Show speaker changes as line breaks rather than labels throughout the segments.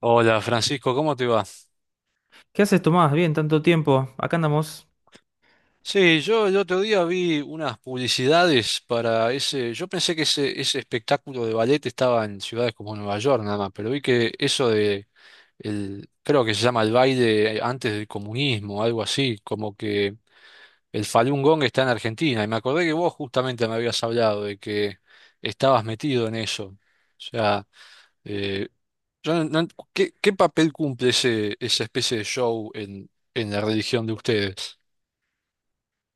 Hola Francisco, ¿cómo te va?
¿Qué haces, Tomás? Bien, tanto tiempo. Acá andamos.
Sí, yo el otro día vi unas publicidades para yo pensé que ese espectáculo de ballet estaba en ciudades como Nueva York nada más, pero vi que el, creo que se llama el baile antes del comunismo, algo así, como que el Falun Gong está en Argentina, y me acordé que vos justamente me habías hablado de que estabas metido en eso. O sea, eh, yo ¿qué papel cumple esa especie de show en la religión de ustedes?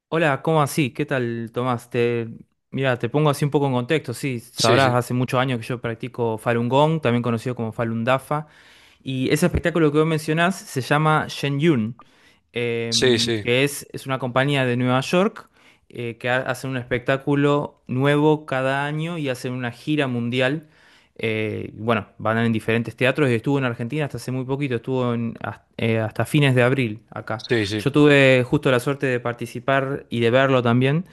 Hola, ¿cómo así? ¿Qué tal, Tomás? Mira, te pongo así un poco en contexto. Sí,
Sí,
sabrás,
sí.
hace muchos años que yo practico Falun Gong, también conocido como Falun Dafa, y ese espectáculo que vos mencionás se llama Shen Yun.
Sí, sí,
Que es una compañía de Nueva York que hacen un espectáculo nuevo cada año y hacen una gira mundial. Bueno, van en diferentes teatros y estuvo en Argentina hasta hace muy poquito, hasta fines de abril acá.
sí, sí,
Yo tuve justo la suerte de participar y de verlo también,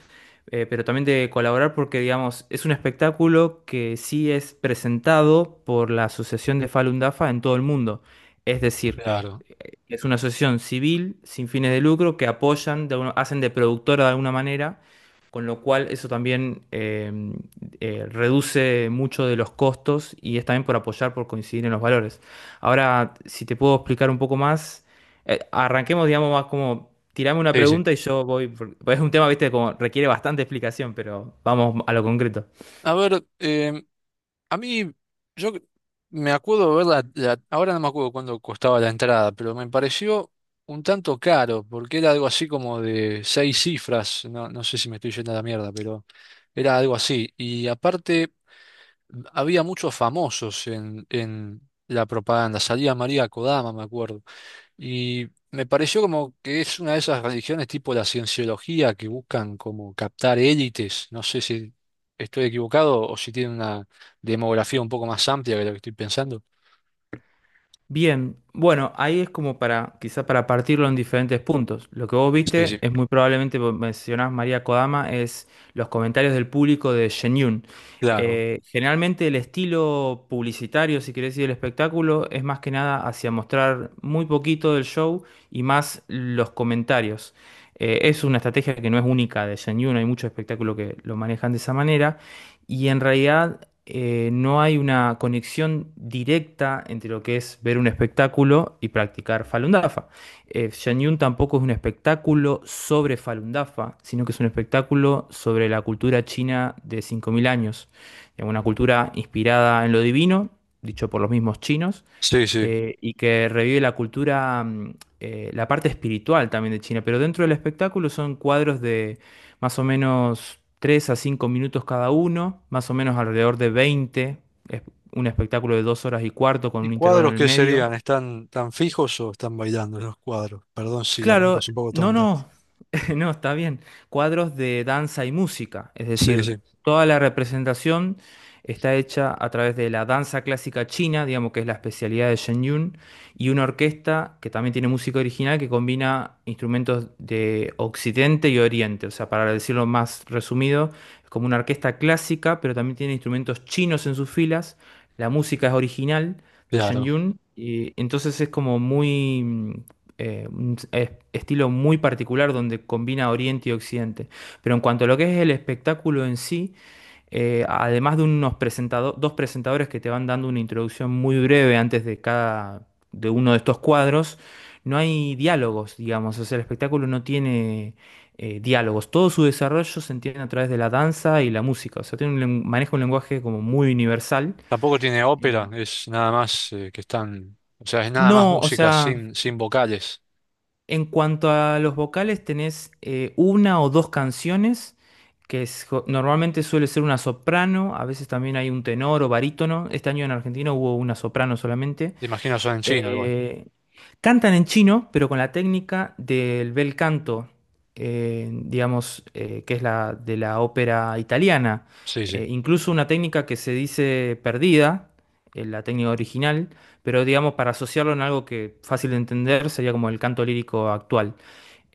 pero también de colaborar porque, digamos, es un espectáculo que sí es presentado por la Asociación de Falun Dafa en todo el mundo. Es decir,
claro,
que es una asociación civil sin fines de lucro que apoyan, hacen de productora de alguna manera, con lo cual eso también reduce mucho de los costos y es también por apoyar, por coincidir en los valores. Ahora, si te puedo explicar un poco más, arranquemos, digamos, más como tirame una
sí, sí.
pregunta y yo voy, porque es un tema, viste, como requiere bastante explicación, pero vamos a lo concreto.
A ver, a mí, yo me acuerdo ver ahora no me acuerdo cuándo costaba la entrada, pero me pareció un tanto caro, porque era algo así como de seis cifras, no, no sé si me estoy yendo a la mierda, pero era algo así. Y aparte, había muchos famosos en la propaganda, salía María Kodama, me acuerdo. Y me pareció como que es una de esas religiones tipo la cienciología que buscan como captar élites. No sé si estoy equivocado o si tiene una demografía un poco más amplia que lo que estoy pensando.
Bien, bueno, ahí es como para, quizá para partirlo en diferentes puntos. Lo que vos
Sí,
viste
sí,
es muy probablemente, vos mencionás María Kodama, es los comentarios del público de Shenyun.
claro.
Generalmente el estilo publicitario, si querés decir, del espectáculo es más que nada hacia mostrar muy poquito del show y más los comentarios. Es una estrategia que no es única de Shenyun, hay muchos espectáculos que lo manejan de esa manera. Y en realidad no hay una conexión directa entre lo que es ver un espectáculo y practicar Falun Dafa. Shan Yun tampoco es un espectáculo sobre Falun Dafa, sino que es un espectáculo sobre la cultura china de 5000 años. Una cultura inspirada en lo divino, dicho por los mismos chinos,
Sí, sí.
y que revive la cultura, la parte espiritual también de China. Pero dentro del espectáculo son cuadros de más o menos 3 a 5 minutos cada uno, más o menos alrededor de 20. Es un espectáculo de 2 horas y cuarto con
¿Y
un intervalo
cuadros
en el
qué
medio.
serían? ¿Están tan fijos o están bailando los cuadros? Perdón si la pregunta
Claro,
es un poco
no,
tonta.
no, no, está bien. Cuadros de danza y música. Es
Sí,
decir,
sí,
toda la representación está hecha a través de la danza clásica china, digamos que es la especialidad de Shen Yun, y una orquesta que también tiene música original que combina instrumentos de Occidente y Oriente. O sea, para decirlo más resumido, es como una orquesta clásica, pero también tiene instrumentos chinos en sus filas. La música es original de Shen
claro.
Yun, y entonces es como muy un estilo muy particular donde combina Oriente y Occidente. Pero en cuanto a lo que es el espectáculo en sí, además de dos presentadores que te van dando una introducción muy breve antes de cada, de uno de estos cuadros, no hay diálogos, digamos. O sea, el espectáculo no tiene diálogos. Todo su desarrollo se entiende a través de la danza y la música. O sea, tiene maneja un lenguaje como muy universal.
Tampoco tiene
Eh,
ópera, es nada más que están, o sea, es nada más
No, o
música
sea,
sin vocales.
en cuanto a los vocales, tenés una o dos canciones, normalmente suele ser una soprano, a veces también hay un tenor o barítono. Este año en Argentina hubo una soprano solamente.
Imagino son en chino igual.
Eh, Cantan en chino, pero con la técnica del bel canto, digamos, que es la de la ópera italiana.
Sí, sí.
Incluso una técnica que se dice perdida, en la técnica original, pero digamos, para asociarlo en algo que fácil de entender sería como el canto lírico actual.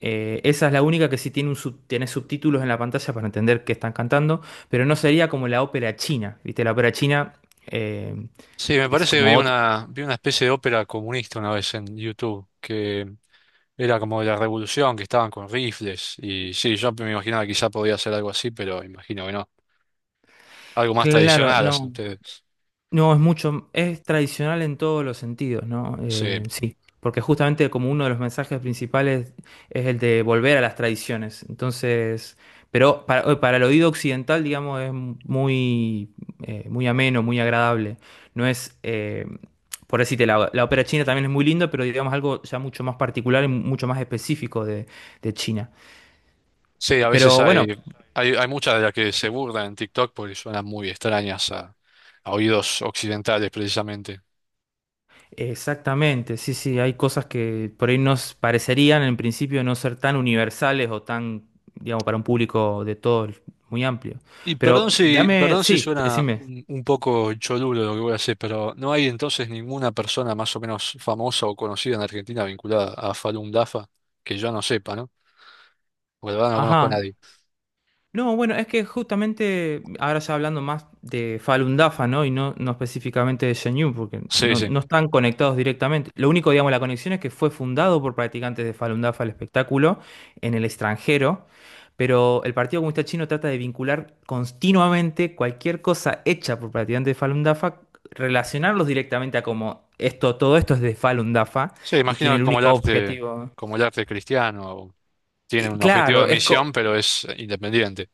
Esa es la única que sí tiene, tiene subtítulos en la pantalla para entender qué están cantando, pero no sería como la ópera china, ¿viste? La ópera china eh,
Sí, me
es
parece que
como
vi
otro...
vi una especie de ópera comunista una vez en YouTube, que era como de la revolución, que estaban con rifles, y sí, yo me imaginaba que quizá podía hacer algo así, pero imagino que no. Algo más
Claro,
tradicional hacen
no.
ustedes.
No, es tradicional en todos los sentidos, ¿no?
Sí,
Sí, porque justamente como uno de los mensajes principales es el de volver a las tradiciones. Entonces, pero para el oído occidental, digamos, es muy ameno, muy agradable. No es, por decirte, la ópera china también es muy linda, pero digamos algo ya mucho más particular y mucho más específico de China.
sí, a veces
Pero bueno,
hay muchas de las que se burlan en TikTok porque suenan muy extrañas a oídos occidentales precisamente.
exactamente, sí, sí, hay cosas que por ahí nos parecerían en principio no ser tan universales o tan, digamos, para un público muy amplio.
Y
Pero dame,
perdón si
sí,
suena
decime.
un poco cholulo lo que voy a hacer, pero ¿no hay entonces ninguna persona más o menos famosa o conocida en Argentina vinculada a Falun Dafa que yo no sepa, ¿no? Porque la verdad no conozco a
Ajá.
nadie.
No, bueno, es que justamente ahora ya hablando más de Falun Dafa, ¿no? Y no, no específicamente de Shen Yun, porque
Sí,
no,
sí.
no están conectados directamente. Lo único, digamos, la conexión es que fue fundado por practicantes de Falun Dafa el espectáculo en el extranjero, pero el Partido Comunista Chino trata de vincular continuamente cualquier cosa hecha por practicantes de Falun Dafa, relacionarlos directamente a como esto, todo esto es de Falun Dafa
Sí,
y
imagino
tiene
que es
el
como
único objetivo.
como el arte cristiano, o tiene
Y
un objetivo
claro,
de misión, pero es independiente.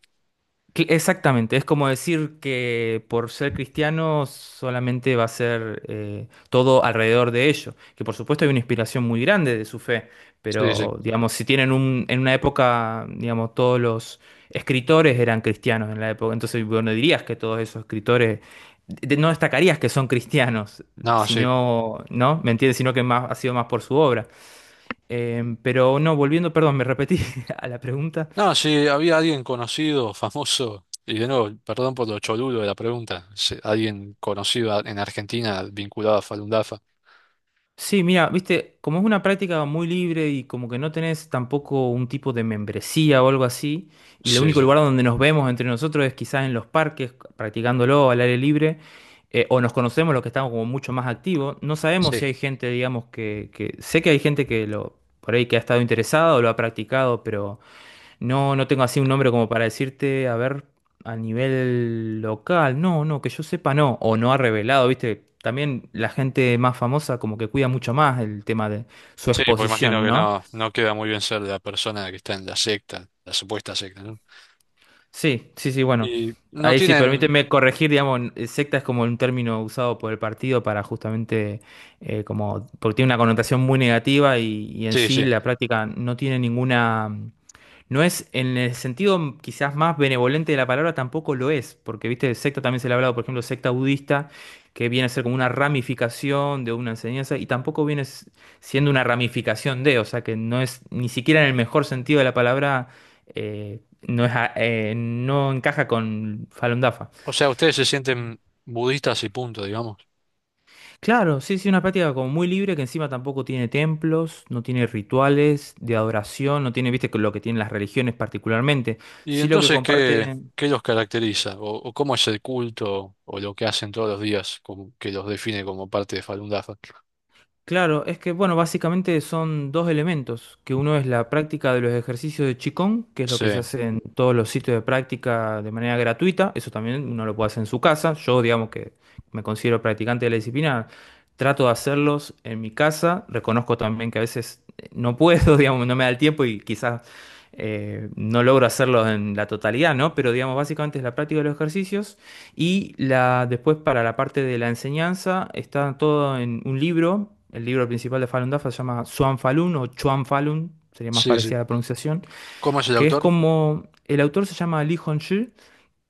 Exactamente, es como decir que por ser cristiano solamente va a ser todo alrededor de ello, que por supuesto hay una inspiración muy grande de su fe,
Sí, sí.
pero digamos, si tienen en una época, digamos, todos los escritores eran cristianos en la época, entonces bueno, dirías que todos esos escritores, no destacarías que son cristianos,
No, sí.
sino, ¿no? ¿Me entiendes? Sino que más, ha sido más por su obra. Pero no, volviendo, perdón, me repetí a la pregunta.
No, sí, había alguien conocido, famoso, y de nuevo, perdón por lo cholulo de la pregunta, sí, alguien conocido en Argentina vinculado a Falun Dafa.
Sí, mira, viste, como es una práctica muy libre y como que no tenés tampoco un tipo de membresía o algo así, y el
Sí,
único
sí.
lugar donde nos vemos entre nosotros es quizás en los parques, practicándolo al aire libre, o nos conocemos los que estamos como mucho más activos. No sabemos
Sí,
si hay gente, digamos, que sé que hay gente que lo, por ahí que ha estado interesada o lo ha practicado, pero no, no tengo así un nombre como para decirte, a ver, a nivel local, no, no, que yo sepa, no, o no ha revelado, ¿viste? También la gente más famosa como que cuida mucho más el tema de su
sí, pues imagino
exposición,
que
¿no?
no, no queda muy bien ser la persona que está en la secta, la supuesta secta, ¿no?
Sí, sí, sí, bueno.
Y no
Ahí sí,
tienen,
permíteme corregir, digamos, secta es como un término usado por el partido para justamente, como, porque tiene una connotación muy negativa y en
sí,
sí
sí.
la práctica no tiene ninguna. No es, en el sentido quizás más benevolente de la palabra, tampoco lo es, porque, viste, de secta también se le ha hablado, por ejemplo, secta budista, que viene a ser como una ramificación de una enseñanza, y tampoco viene siendo una ramificación de, o sea, que no es, ni siquiera en el mejor sentido de la palabra, eh, no es, no encaja con Falun Dafa.
O sea, ustedes se sienten budistas y punto, digamos.
Claro, sí, sí, una práctica como muy libre, que encima tampoco tiene templos, no tiene rituales de adoración, no tiene, viste, lo que tienen las religiones particularmente.
Y
Sí, lo que
entonces, ¿qué,
comparte.
qué los caracteriza? O cómo es el culto o lo que hacen todos los días como que los define como parte de Falun Dafa?
Claro, es que bueno, básicamente son dos elementos, que uno es la práctica de los ejercicios de Qigong, que es lo que se
Sí,
hace en todos los sitios de práctica de manera gratuita, eso también uno lo puede hacer en su casa. Yo digamos que me considero practicante de la disciplina, trato de hacerlos en mi casa, reconozco también que a veces no puedo, digamos, no me da el tiempo y quizás no logro hacerlos en la totalidad, ¿no? Pero digamos, básicamente es la práctica de los ejercicios. Y la, después para la parte de la enseñanza está todo en un libro. El libro principal de Falun Dafa se llama Zhuang Falun o Chuan Falun, sería más
sí, sí.
parecida a la pronunciación,
¿Cómo es el
que es
autor?
como el autor se llama Li Hongzhi,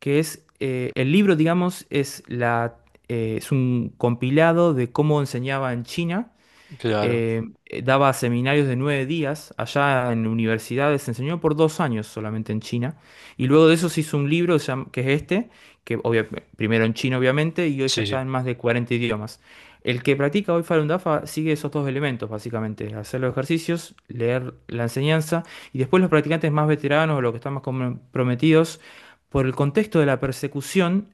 que es el libro, digamos, es un compilado de cómo enseñaba en China,
Claro,
daba seminarios de 9 días allá en universidades, enseñó por 2 años solamente en China. Y luego de eso se hizo un libro que es este, que obvia- primero en China obviamente, y hoy ya
sí,
está
sí.
en más de 40 idiomas. El que practica hoy Falun Dafa sigue esos dos elementos, básicamente, hacer los ejercicios, leer la enseñanza, y después los practicantes más veteranos o los que están más comprometidos, por el contexto de la persecución,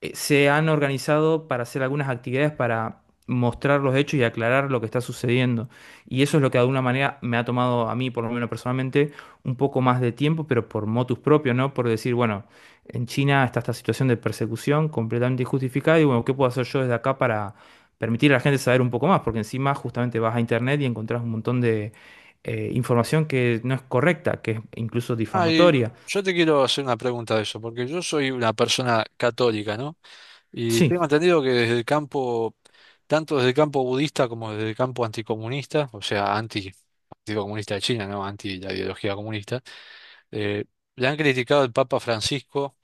se han organizado para hacer algunas actividades para mostrar los hechos y aclarar lo que está sucediendo. Y eso es lo que de alguna manera me ha tomado a mí, por lo menos personalmente, un poco más de tiempo, pero por motus propio, ¿no? Por decir, bueno, en China está esta situación de persecución completamente injustificada y bueno, ¿qué puedo hacer yo desde acá para permitir a la gente saber un poco más? Porque encima justamente vas a internet y encontrás un montón de información que no es correcta, que es incluso
Ah, y
difamatoria.
yo te quiero hacer una pregunta de eso, porque yo soy una persona católica, ¿no? Y
Sí.
tengo entendido que desde tanto desde el campo budista como desde el campo anticomunista, o sea, anti, Partido Comunista de China, ¿no? Anti la ideología comunista, eh, le han criticado al Papa Francisco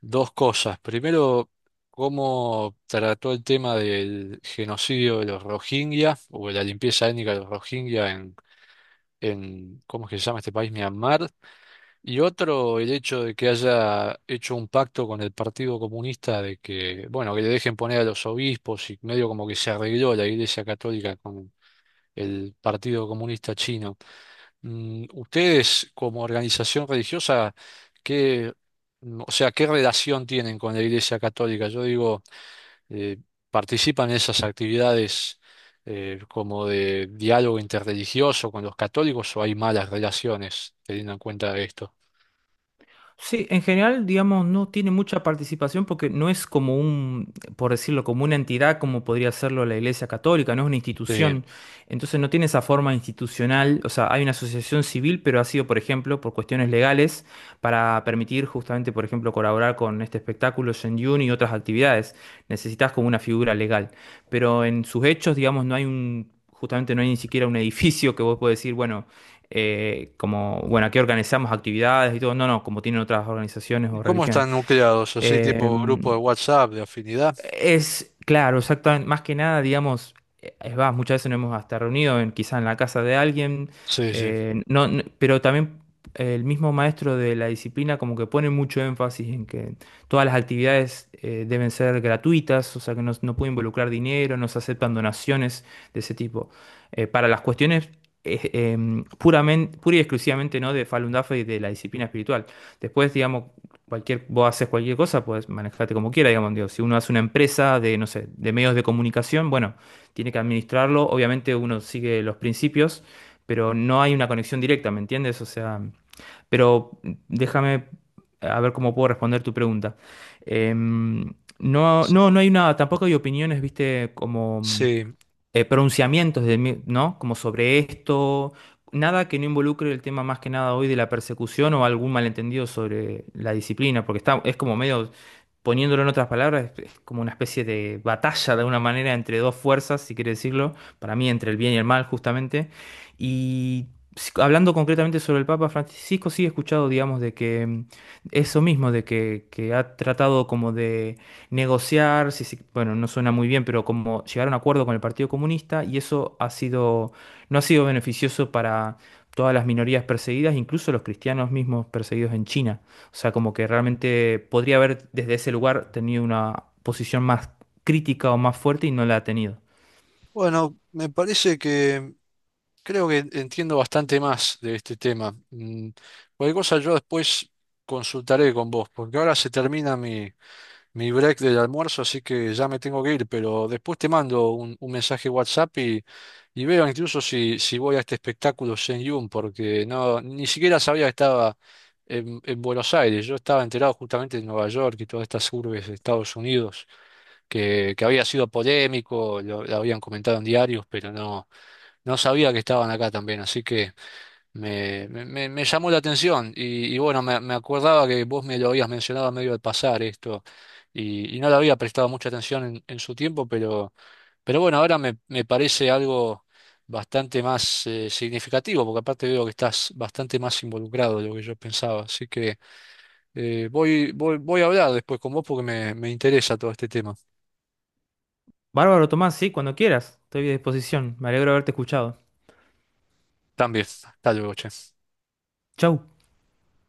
dos cosas. Primero, cómo trató el tema del genocidio de los Rohingya o de la limpieza étnica de los Rohingya en ¿cómo es que se llama este país? Myanmar. Y otro, el hecho de que haya hecho un pacto con el Partido Comunista de que, bueno, que le dejen poner a los obispos y medio como que se arregló la Iglesia Católica con el Partido Comunista Chino. Mm, ustedes, como organización religiosa, ¿qué, mm, o sea, qué relación tienen con la Iglesia Católica? Yo digo, eh, ¿participan en esas actividades como de diálogo interreligioso con los católicos o hay malas relaciones teniendo en cuenta esto?
Sí, en general, digamos, no tiene mucha participación porque no es como un, por decirlo, como una entidad como podría serlo la Iglesia Católica, no es una
Sí.
institución. Entonces no tiene esa forma institucional, o sea, hay una asociación civil, pero ha sido, por ejemplo, por cuestiones legales, para permitir justamente, por ejemplo, colaborar con este espectáculo Shenyun y otras actividades. Necesitas como una figura legal. Pero en sus hechos, digamos, no hay justamente no hay ni siquiera un edificio que vos puedas decir, bueno, como, bueno, aquí organizamos actividades y todo, no, no, como tienen otras organizaciones
¿Y
o
cómo
religiones.
están nucleados? ¿Así
Eh,
tipo grupo de WhatsApp, de afinidad?
claro, exactamente, más que nada, digamos, muchas veces nos hemos hasta reunido en, quizá en la casa de alguien,
Sí, sí.
no, pero también el mismo maestro de la disciplina como que pone mucho énfasis en que todas las actividades deben ser gratuitas, o sea que no, no puede involucrar dinero, no se aceptan donaciones de ese tipo. Para las cuestiones pura y exclusivamente, ¿no? de Falun Dafa y de la disciplina espiritual. Después, digamos, cualquier, vos haces cualquier cosa, pues manejate como quiera, digamos, digo, si uno hace una empresa de, no sé, de medios de comunicación, bueno, tiene que administrarlo, obviamente uno sigue los principios, pero no hay una conexión directa, ¿me entiendes? O sea, pero déjame a ver cómo puedo responder tu pregunta. Em, no, no, no hay una, tampoco hay opiniones, viste, como
Sí.
pronunciamientos de mi- ¿no? Como sobre esto, nada que no involucre el tema más que nada hoy de la persecución o algún malentendido sobre la disciplina, porque está, es como medio, poniéndolo en otras palabras, es, como una especie de batalla de alguna manera entre dos fuerzas, si quiere decirlo, para mí entre el bien y el mal justamente. Y hablando concretamente sobre el Papa Francisco, sí he escuchado, digamos, de que eso mismo, de que ha tratado como de negociar, bueno, no suena muy bien, pero como llegar a un acuerdo con el Partido Comunista y eso ha sido, no ha sido beneficioso para todas las minorías perseguidas, incluso los cristianos mismos perseguidos en China. O sea, como que realmente podría haber desde ese lugar tenido una posición más crítica o más fuerte y no la ha tenido.
Bueno, me parece que creo que entiendo bastante más de este tema. Mm, cualquier cosa yo después consultaré con vos, porque ahora se termina mi mi break del almuerzo, así que ya me tengo que ir, pero después te mando un mensaje WhatsApp y veo incluso si, si voy a este espectáculo Shen Yun, porque no, ni siquiera sabía que estaba en Buenos Aires, yo estaba enterado justamente de Nueva York y todas estas urbes de Estados Unidos que había sido polémico, lo habían comentado en diarios, pero no, no sabía que estaban acá también, así que me llamó la atención y bueno, me acordaba que vos me lo habías mencionado a medio de pasar esto y no le había prestado mucha atención en su tiempo, pero bueno, ahora me, me parece algo bastante más significativo, porque aparte veo que estás bastante más involucrado de lo que yo pensaba, así que... voy a hablar después con vos porque me interesa todo este tema.
Bárbaro, Tomás, sí, cuando quieras, estoy a disposición. Me alegro de haberte escuchado.
También, hasta luego, che.
Chau.